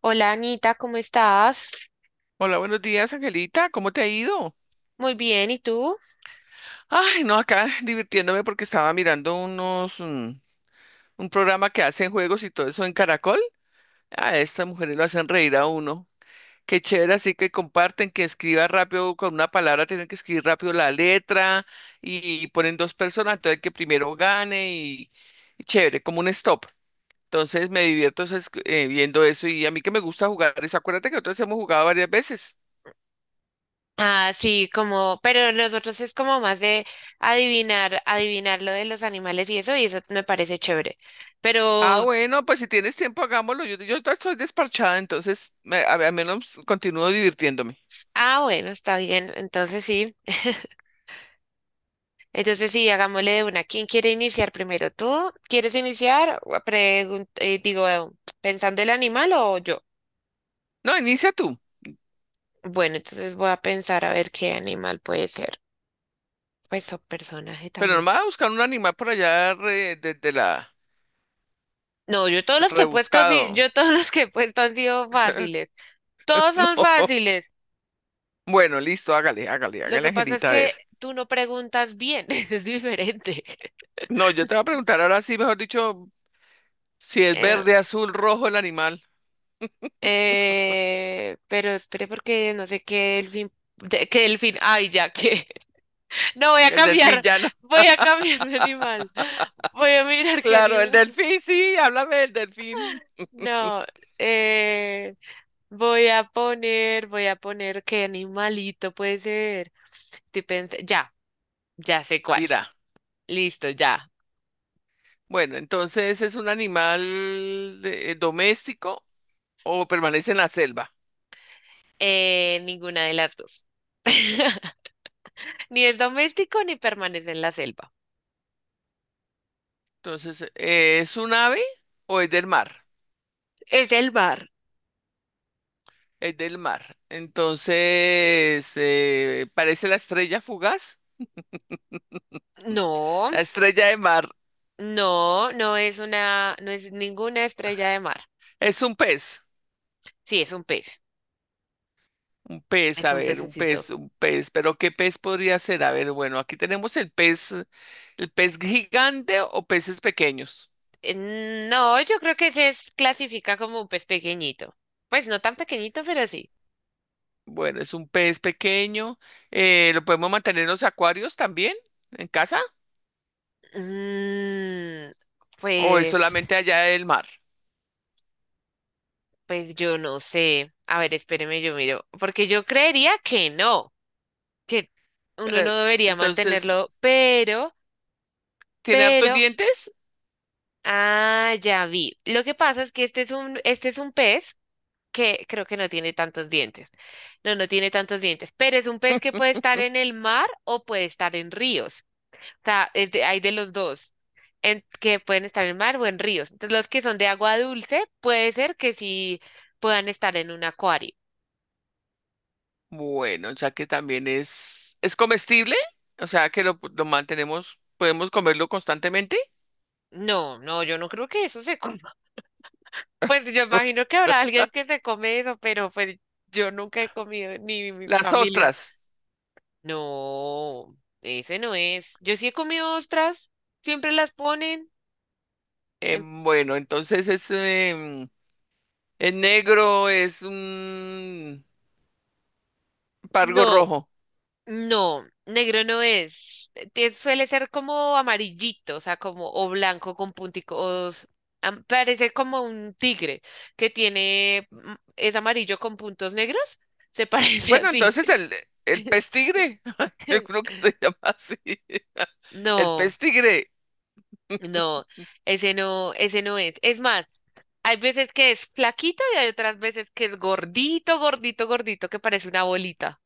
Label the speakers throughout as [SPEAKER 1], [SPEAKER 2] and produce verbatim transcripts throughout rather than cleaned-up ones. [SPEAKER 1] Hola Anita, ¿cómo estás?
[SPEAKER 2] Hola, buenos días, Angelita. ¿Cómo te ha ido?
[SPEAKER 1] Muy bien, ¿y tú?
[SPEAKER 2] Ay, no, acá divirtiéndome porque estaba mirando unos, mm, un programa que hacen juegos y todo eso en Caracol. A estas mujeres lo hacen reír a uno. Qué chévere, así que comparten, que escriba rápido con una palabra, tienen que escribir rápido la letra y ponen dos personas, entonces el que primero gane y, y chévere, como un stop. Entonces me divierto es- eh, viendo eso y a mí que me gusta jugar eso. Acuérdate que nosotros hemos jugado varias veces.
[SPEAKER 1] Ah, sí, como, pero nosotros es como más de adivinar, adivinar lo de los animales y eso, y eso me parece chévere.
[SPEAKER 2] Ah,
[SPEAKER 1] Pero,
[SPEAKER 2] bueno, pues si tienes tiempo, hagámoslo. Yo, yo ahorita estoy desparchada, entonces me- a- al menos continúo divirtiéndome.
[SPEAKER 1] ah, bueno, está bien, entonces sí. Entonces sí, hagámosle de una. ¿Quién quiere iniciar primero? ¿Tú quieres iniciar? O pregun- eh, digo, eh, pensando el animal o yo.
[SPEAKER 2] No, inicia tú,
[SPEAKER 1] Bueno, entonces voy a pensar a ver qué animal puede ser. Pues o personaje
[SPEAKER 2] pero no
[SPEAKER 1] también.
[SPEAKER 2] me vas a buscar un animal por allá re- desde la
[SPEAKER 1] No, yo todos los que he puesto, sí,
[SPEAKER 2] rebuscado.
[SPEAKER 1] yo todos los que he puesto han sido fáciles. Todos son
[SPEAKER 2] No.
[SPEAKER 1] fáciles.
[SPEAKER 2] Bueno, listo, hágale, hágale,
[SPEAKER 1] Lo
[SPEAKER 2] hágale,
[SPEAKER 1] que pasa es
[SPEAKER 2] Angelita, a ver.
[SPEAKER 1] que tú no preguntas bien, es diferente.
[SPEAKER 2] No, yo te voy a preguntar ahora sí, mejor dicho, si es
[SPEAKER 1] Eh,
[SPEAKER 2] verde, azul, rojo el animal.
[SPEAKER 1] eh, pero espere porque no sé qué delfín, de- qué delfín, ay, ya que. No, voy a
[SPEAKER 2] El delfín
[SPEAKER 1] cambiar,
[SPEAKER 2] ya no.
[SPEAKER 1] voy a cambiar mi animal. Voy a mirar qué
[SPEAKER 2] Claro, el
[SPEAKER 1] animal.
[SPEAKER 2] delfín, sí, háblame del delfín.
[SPEAKER 1] No, eh, Voy a poner, voy a poner qué animalito puede ser. Estoy pens- ya, ya sé cuál.
[SPEAKER 2] Dirá.
[SPEAKER 1] Listo, ya.
[SPEAKER 2] Bueno, entonces, ¿es un animal eh, doméstico o permanece en la selva?
[SPEAKER 1] Eh, ninguna de las dos. Ni es doméstico ni permanece en la selva.
[SPEAKER 2] Entonces, eh, ¿es un ave o es del mar?
[SPEAKER 1] Es del mar.
[SPEAKER 2] Es del mar. Entonces, eh, parece la estrella fugaz,
[SPEAKER 1] No,
[SPEAKER 2] la estrella de mar.
[SPEAKER 1] no, no es una, no es ninguna estrella de mar.
[SPEAKER 2] Es un pez,
[SPEAKER 1] Sí, es un pez.
[SPEAKER 2] un pez,
[SPEAKER 1] Es
[SPEAKER 2] a
[SPEAKER 1] un
[SPEAKER 2] ver, un
[SPEAKER 1] pececito.
[SPEAKER 2] pez, un pez. Pero ¿qué pez podría ser? A ver, bueno, aquí tenemos el pez, el pez gigante o peces pequeños.
[SPEAKER 1] Eh, No, yo creo que se es- clasifica como un pez pequeñito. Pues no tan pequeñito, pero sí.
[SPEAKER 2] Bueno, es un pez pequeño. Eh, ¿lo podemos mantener en los acuarios también, en casa?
[SPEAKER 1] Mm,
[SPEAKER 2] ¿O es
[SPEAKER 1] pues,
[SPEAKER 2] solamente allá del mar?
[SPEAKER 1] pues yo no sé. A ver, espéreme, yo miro. Porque yo creería que no. Que uno
[SPEAKER 2] Pero,
[SPEAKER 1] no debería
[SPEAKER 2] entonces,
[SPEAKER 1] mantenerlo, pero,
[SPEAKER 2] ¿tiene hartos
[SPEAKER 1] pero,
[SPEAKER 2] dientes?
[SPEAKER 1] ah, ya vi. Lo que pasa es que este es un, este es un pez que creo que no tiene tantos dientes. No, no tiene tantos dientes, pero es un pez que puede estar en el mar o puede estar en ríos. O sea, es de- hay de los dos, en- que pueden estar en mar o en ríos. Entonces, los que son de agua dulce, puede ser que sí puedan estar en un acuario.
[SPEAKER 2] Bueno, ya que también es, es comestible, o sea que lo, lo mantenemos, podemos comerlo constantemente.
[SPEAKER 1] No, no, yo no creo que eso se coma. Pues yo imagino que habrá alguien que se come eso, pero pues yo nunca he comido, ni mi
[SPEAKER 2] Las
[SPEAKER 1] familia.
[SPEAKER 2] ostras.
[SPEAKER 1] No, ese no es. Yo sí he comido ostras, siempre las ponen.
[SPEAKER 2] Eh,
[SPEAKER 1] en-
[SPEAKER 2] bueno, entonces es, em, es negro, es un pargo
[SPEAKER 1] No,
[SPEAKER 2] rojo.
[SPEAKER 1] no, negro no es. Te- suele ser como amarillito, o sea, como o blanco con punticos. am- Parece como un tigre que tiene, mm, es amarillo con puntos negros. Se parece
[SPEAKER 2] Bueno,
[SPEAKER 1] así.
[SPEAKER 2] entonces el, el pez tigre, yo creo que se llama así. El
[SPEAKER 1] No.
[SPEAKER 2] pez tigre.
[SPEAKER 1] No, ese no, ese no es. Es más, hay veces que es flaquito y hay otras veces que es gordito, gordito, gordito, que parece una bolita.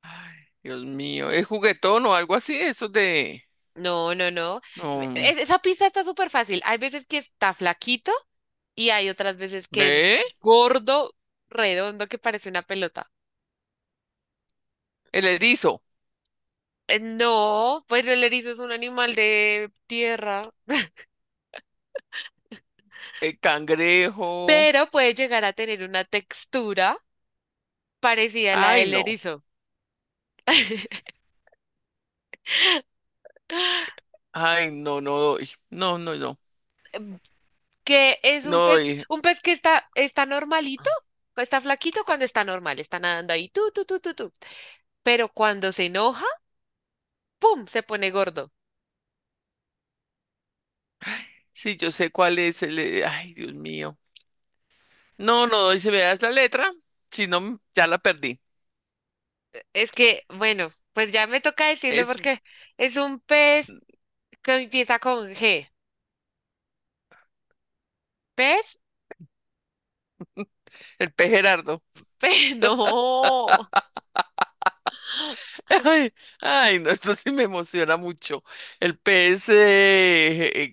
[SPEAKER 2] Ay, Dios mío, ¿es juguetón o algo así? Eso de...
[SPEAKER 1] No, no, no.
[SPEAKER 2] no,
[SPEAKER 1] Es- esa pista está súper fácil. Hay veces que está flaquito y hay otras veces que es
[SPEAKER 2] ¿Ve?
[SPEAKER 1] gordo, redondo, que parece una pelota.
[SPEAKER 2] El erizo,
[SPEAKER 1] Eh, No, pues el erizo es un animal de tierra,
[SPEAKER 2] el cangrejo.
[SPEAKER 1] pero puede llegar a tener una textura parecida a la
[SPEAKER 2] Ay,
[SPEAKER 1] del
[SPEAKER 2] no.
[SPEAKER 1] erizo.
[SPEAKER 2] Ay, no, no doy. No, no, no.
[SPEAKER 1] Que es un
[SPEAKER 2] No
[SPEAKER 1] pez,
[SPEAKER 2] doy.
[SPEAKER 1] un pez que está, está normalito, está flaquito cuando está normal, está nadando ahí, tú, tú, tú, tú, tú. Pero cuando se enoja, ¡pum! Se pone gordo.
[SPEAKER 2] Sí, yo sé cuál es el... eh, Ay, Dios mío. No, no doy. Si me das la letra, si no, m- ya la perdí.
[SPEAKER 1] Es que, bueno, pues ya me toca decirle
[SPEAKER 2] Es
[SPEAKER 1] porque es un pez que empieza con G. ¿Pez?
[SPEAKER 2] el P. Gerardo.
[SPEAKER 1] Pe- No.
[SPEAKER 2] Ay, ay, no, esto sí me emociona mucho. El P es eh,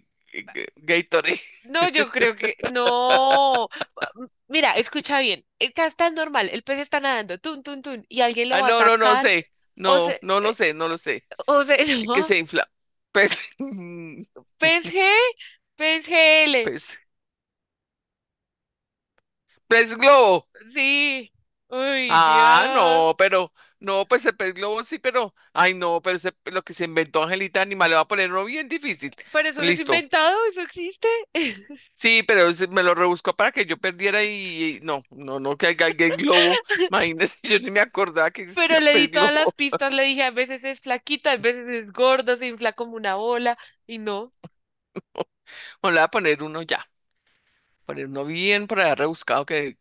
[SPEAKER 2] eh, eh, G- Gatorade.
[SPEAKER 1] No, yo creo que no. Mira, escucha bien. El que está normal, el pez está nadando, tun, tun, tun, y alguien lo
[SPEAKER 2] Ah,
[SPEAKER 1] va a
[SPEAKER 2] no, no, no
[SPEAKER 1] atacar
[SPEAKER 2] sé.
[SPEAKER 1] o
[SPEAKER 2] No,
[SPEAKER 1] se,
[SPEAKER 2] no, no
[SPEAKER 1] eh,
[SPEAKER 2] sé, no lo sé.
[SPEAKER 1] o se
[SPEAKER 2] El que
[SPEAKER 1] enoja.
[SPEAKER 2] se infla. Pez.
[SPEAKER 1] P P S S G P S G L.
[SPEAKER 2] Pez. Pez globo.
[SPEAKER 1] Sí. Uy,
[SPEAKER 2] Ah,
[SPEAKER 1] Dios.
[SPEAKER 2] no, pero, no, pues el pez globo sí, pero, ay, no, pero ese- lo que se inventó Angelita Anima le va a poner uno bien difícil.
[SPEAKER 1] Pero eso no es
[SPEAKER 2] Listo.
[SPEAKER 1] inventado, eso existe.
[SPEAKER 2] Sí, pero ese me lo rebuscó para que yo perdiera y, y no, no, no, que haya el globo. Imagínese, yo ni me acordaba que
[SPEAKER 1] Pero
[SPEAKER 2] existía
[SPEAKER 1] le di
[SPEAKER 2] pez
[SPEAKER 1] todas las
[SPEAKER 2] globo.
[SPEAKER 1] pistas, le dije, a veces es flaquita, a veces es gorda, se infla como una bola, y no.
[SPEAKER 2] Bueno, le voy a poner uno ya, poner uno bien por allá rebuscado que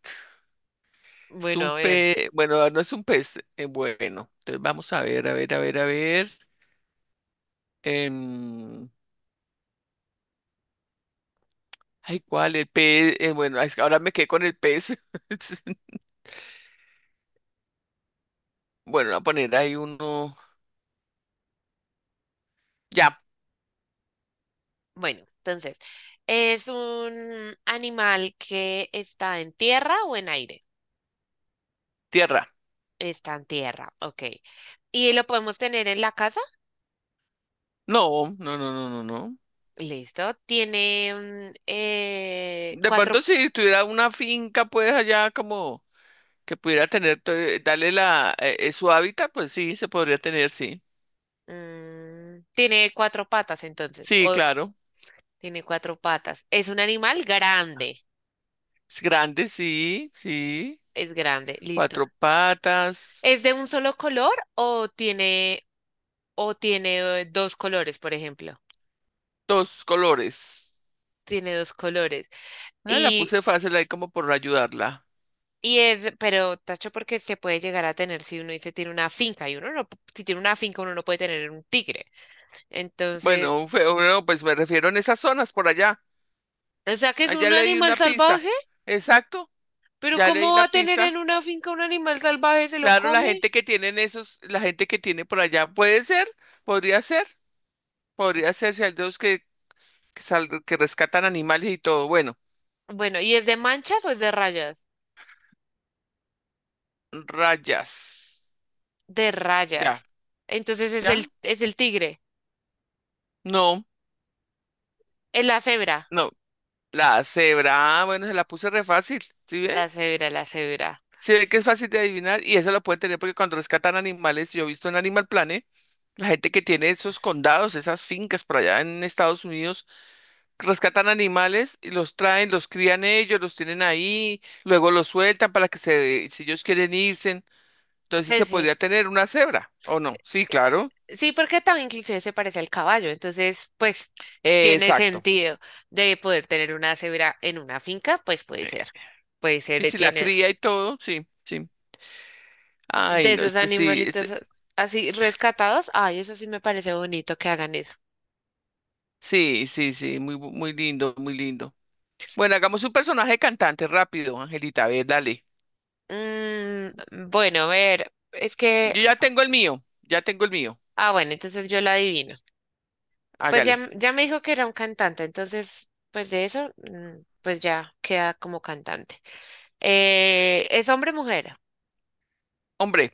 [SPEAKER 2] es
[SPEAKER 1] Bueno,
[SPEAKER 2] un
[SPEAKER 1] a ver.
[SPEAKER 2] pez, bueno, no es un pez, eh, bueno. Entonces vamos a ver, a ver, a ver, a ver. em, Ay, ¿cuál? El pez. Eh, bueno, es que ahora me quedé con el pez. Bueno, voy a poner ahí uno. Ya,
[SPEAKER 1] Bueno, entonces, ¿es un animal que está en tierra o en aire?
[SPEAKER 2] tierra.
[SPEAKER 1] Está en tierra, ok. ¿Y lo podemos tener en la casa?
[SPEAKER 2] No, no, no, no, no, no.
[SPEAKER 1] Listo. ¿Tiene mm, eh,
[SPEAKER 2] De
[SPEAKER 1] cuatro?
[SPEAKER 2] pronto, si tuviera una finca, pues allá como que pudiera tener, to- eh, darle la, eh, eh, su hábitat, pues sí, se podría tener, sí.
[SPEAKER 1] Mm, tiene cuatro patas entonces,
[SPEAKER 2] Sí,
[SPEAKER 1] o
[SPEAKER 2] claro.
[SPEAKER 1] tiene cuatro patas. Es un animal grande,
[SPEAKER 2] Es grande, sí, sí.
[SPEAKER 1] es grande, listo.
[SPEAKER 2] Cuatro patas,
[SPEAKER 1] ¿Es de un solo color o tiene, o tiene eh, dos colores, por ejemplo?
[SPEAKER 2] dos colores.
[SPEAKER 1] Tiene dos colores.
[SPEAKER 2] Ah, la
[SPEAKER 1] Y,
[SPEAKER 2] puse fácil ahí como por ayudarla.
[SPEAKER 1] y es, pero tacho porque se puede llegar a tener si uno dice tiene una finca y uno no, p- si tiene una finca uno no puede tener un tigre. Entonces,
[SPEAKER 2] Bueno, feo, no, pues me refiero en esas zonas por allá.
[SPEAKER 1] o sea que es
[SPEAKER 2] Ah, ya
[SPEAKER 1] un
[SPEAKER 2] le di
[SPEAKER 1] animal
[SPEAKER 2] una pista.
[SPEAKER 1] salvaje,
[SPEAKER 2] Exacto,
[SPEAKER 1] pero
[SPEAKER 2] ya le di
[SPEAKER 1] ¿cómo va
[SPEAKER 2] la
[SPEAKER 1] a tener en
[SPEAKER 2] pista.
[SPEAKER 1] una finca un animal salvaje? ¿Se lo
[SPEAKER 2] Claro, la
[SPEAKER 1] come?
[SPEAKER 2] gente que tienen esos, la gente que tiene por allá, puede ser, podría ser, podría ser si hay dos que, que, sal- que rescatan animales y todo. Bueno,
[SPEAKER 1] Bueno, ¿y es de manchas o es de rayas?
[SPEAKER 2] rayas.
[SPEAKER 1] De
[SPEAKER 2] Ya,
[SPEAKER 1] rayas. Entonces es el,
[SPEAKER 2] ya.
[SPEAKER 1] es el tigre,
[SPEAKER 2] No,
[SPEAKER 1] es la cebra.
[SPEAKER 2] no. La cebra, ah, bueno, se la puse re fácil. ¿Sí ve?
[SPEAKER 1] La cebra, la cebra.
[SPEAKER 2] Sí ve que es fácil de adivinar y eso lo pueden tener porque cuando rescatan animales, yo he visto en Animal Planet, la gente que tiene esos condados, esas fincas por allá en Estados Unidos. Rescatan animales y los traen, los crían ellos, los tienen ahí, luego los sueltan para que se, si ellos quieren irse, entonces sí se
[SPEAKER 1] Pues sí.
[SPEAKER 2] podría tener una cebra, ¿o no? Sí,
[SPEAKER 1] Eh, eh,
[SPEAKER 2] claro.
[SPEAKER 1] Sí, porque también inclusive se parece al caballo, entonces pues
[SPEAKER 2] Eh,
[SPEAKER 1] tiene
[SPEAKER 2] exacto.
[SPEAKER 1] sentido de poder tener una cebra en una finca, pues puede ser. Puede ser,
[SPEAKER 2] Y
[SPEAKER 1] eh,
[SPEAKER 2] si la
[SPEAKER 1] tiene
[SPEAKER 2] cría y todo, sí, sí.
[SPEAKER 1] de
[SPEAKER 2] Ay, no,
[SPEAKER 1] esos
[SPEAKER 2] este sí,
[SPEAKER 1] animalitos
[SPEAKER 2] este,
[SPEAKER 1] as- así rescatados. Ay, eso sí me parece bonito que hagan eso.
[SPEAKER 2] sí, sí, sí, muy, bu- muy lindo, muy lindo. Bueno, hagamos un personaje cantante rápido, Angelita, a ver, dale.
[SPEAKER 1] Mm, bueno, a ver, es que,
[SPEAKER 2] Yo ya tengo el mío, ya tengo el mío,
[SPEAKER 1] ah, bueno, entonces yo la adivino. Pues ya,
[SPEAKER 2] hágale.
[SPEAKER 1] m- ya me dijo que era un cantante, entonces, pues de eso, mm, pues ya queda como cantante. Eh, ¿es hombre o mujer?
[SPEAKER 2] Hombre,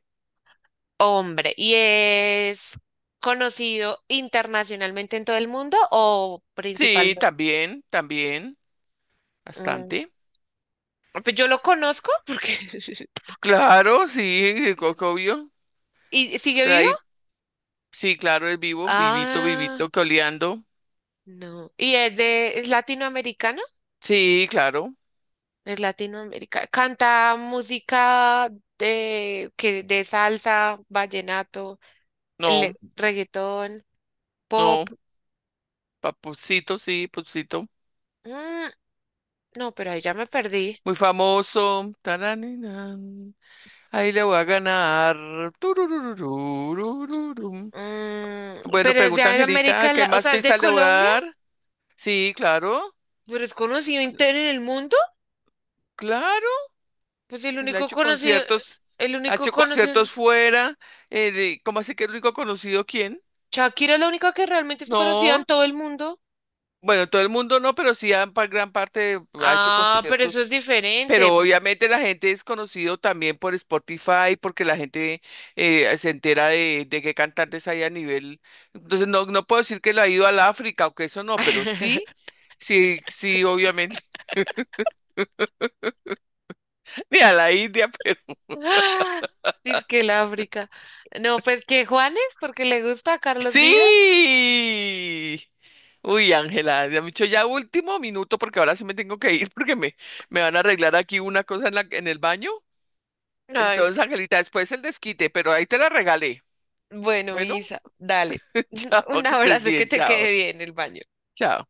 [SPEAKER 1] Hombre. ¿Y es conocido internacionalmente en todo el mundo o
[SPEAKER 2] sí,
[SPEAKER 1] principalmente?
[SPEAKER 2] también, también,
[SPEAKER 1] Mm,
[SPEAKER 2] bastante.
[SPEAKER 1] pues yo lo conozco porque...
[SPEAKER 2] Pues claro, sí, co- co- obvio.
[SPEAKER 1] ¿Y sigue
[SPEAKER 2] De
[SPEAKER 1] vivo?
[SPEAKER 2] ahí, sí, claro, es vivo, vivito,
[SPEAKER 1] Ah,
[SPEAKER 2] vivito, coleando.
[SPEAKER 1] no. ¿Y es de es latinoamericano?
[SPEAKER 2] Sí, claro.
[SPEAKER 1] Es latinoamericano. Canta música de que de salsa, vallenato. El
[SPEAKER 2] No,
[SPEAKER 1] reggaetón, pop.
[SPEAKER 2] no. Papucito, sí, Papucito.
[SPEAKER 1] Mm, no, pero ahí ya me perdí.
[SPEAKER 2] Muy famoso. Taraninan. Ahí le voy a ganar. Turururururururu.
[SPEAKER 1] Mm,
[SPEAKER 2] Bueno,
[SPEAKER 1] pero es de
[SPEAKER 2] pregunta Angelita,
[SPEAKER 1] América,
[SPEAKER 2] ¿qué
[SPEAKER 1] La- o
[SPEAKER 2] más
[SPEAKER 1] sea, es de
[SPEAKER 2] pistas le voy a
[SPEAKER 1] Colombia,
[SPEAKER 2] dar? Sí, claro,
[SPEAKER 1] pero es conocido entero en el mundo.
[SPEAKER 2] claro.
[SPEAKER 1] Pues el
[SPEAKER 2] Él ha
[SPEAKER 1] único
[SPEAKER 2] hecho
[SPEAKER 1] conocido,
[SPEAKER 2] conciertos,
[SPEAKER 1] el
[SPEAKER 2] ha
[SPEAKER 1] único
[SPEAKER 2] hecho
[SPEAKER 1] conocido,
[SPEAKER 2] conciertos fuera. Eh, de- ¿cómo así que el único conocido quién?
[SPEAKER 1] Shakira es la única que realmente es conocida en
[SPEAKER 2] No,
[SPEAKER 1] todo el mundo.
[SPEAKER 2] bueno, todo el mundo no, pero sí han pa- gran parte ha hecho
[SPEAKER 1] Ah, pero eso
[SPEAKER 2] conciertos.
[SPEAKER 1] es diferente.
[SPEAKER 2] Pero obviamente la gente es conocido también por Spotify, porque la gente eh, se entera de, de qué cantantes hay a nivel. Entonces no, no puedo decir que lo ha ido al África o que eso no, pero sí, sí, sí, obviamente, ni a la India, pero
[SPEAKER 1] Ah, dice que el África. No, pues que Juanes, porque le gusta a Carlos Vives.
[SPEAKER 2] sí. Uy, Ángela, ya me he dicho ya último minuto porque ahora sí me tengo que ir porque me, me van a arreglar aquí una cosa en la, en el baño.
[SPEAKER 1] Ay,
[SPEAKER 2] Entonces, Angelita, después el desquite, pero ahí te la regalé.
[SPEAKER 1] bueno,
[SPEAKER 2] Bueno,
[SPEAKER 1] Misa, dale.
[SPEAKER 2] chao,
[SPEAKER 1] Un
[SPEAKER 2] que estés
[SPEAKER 1] abrazo que
[SPEAKER 2] bien,
[SPEAKER 1] te
[SPEAKER 2] chao,
[SPEAKER 1] quede bien el baño.
[SPEAKER 2] chao.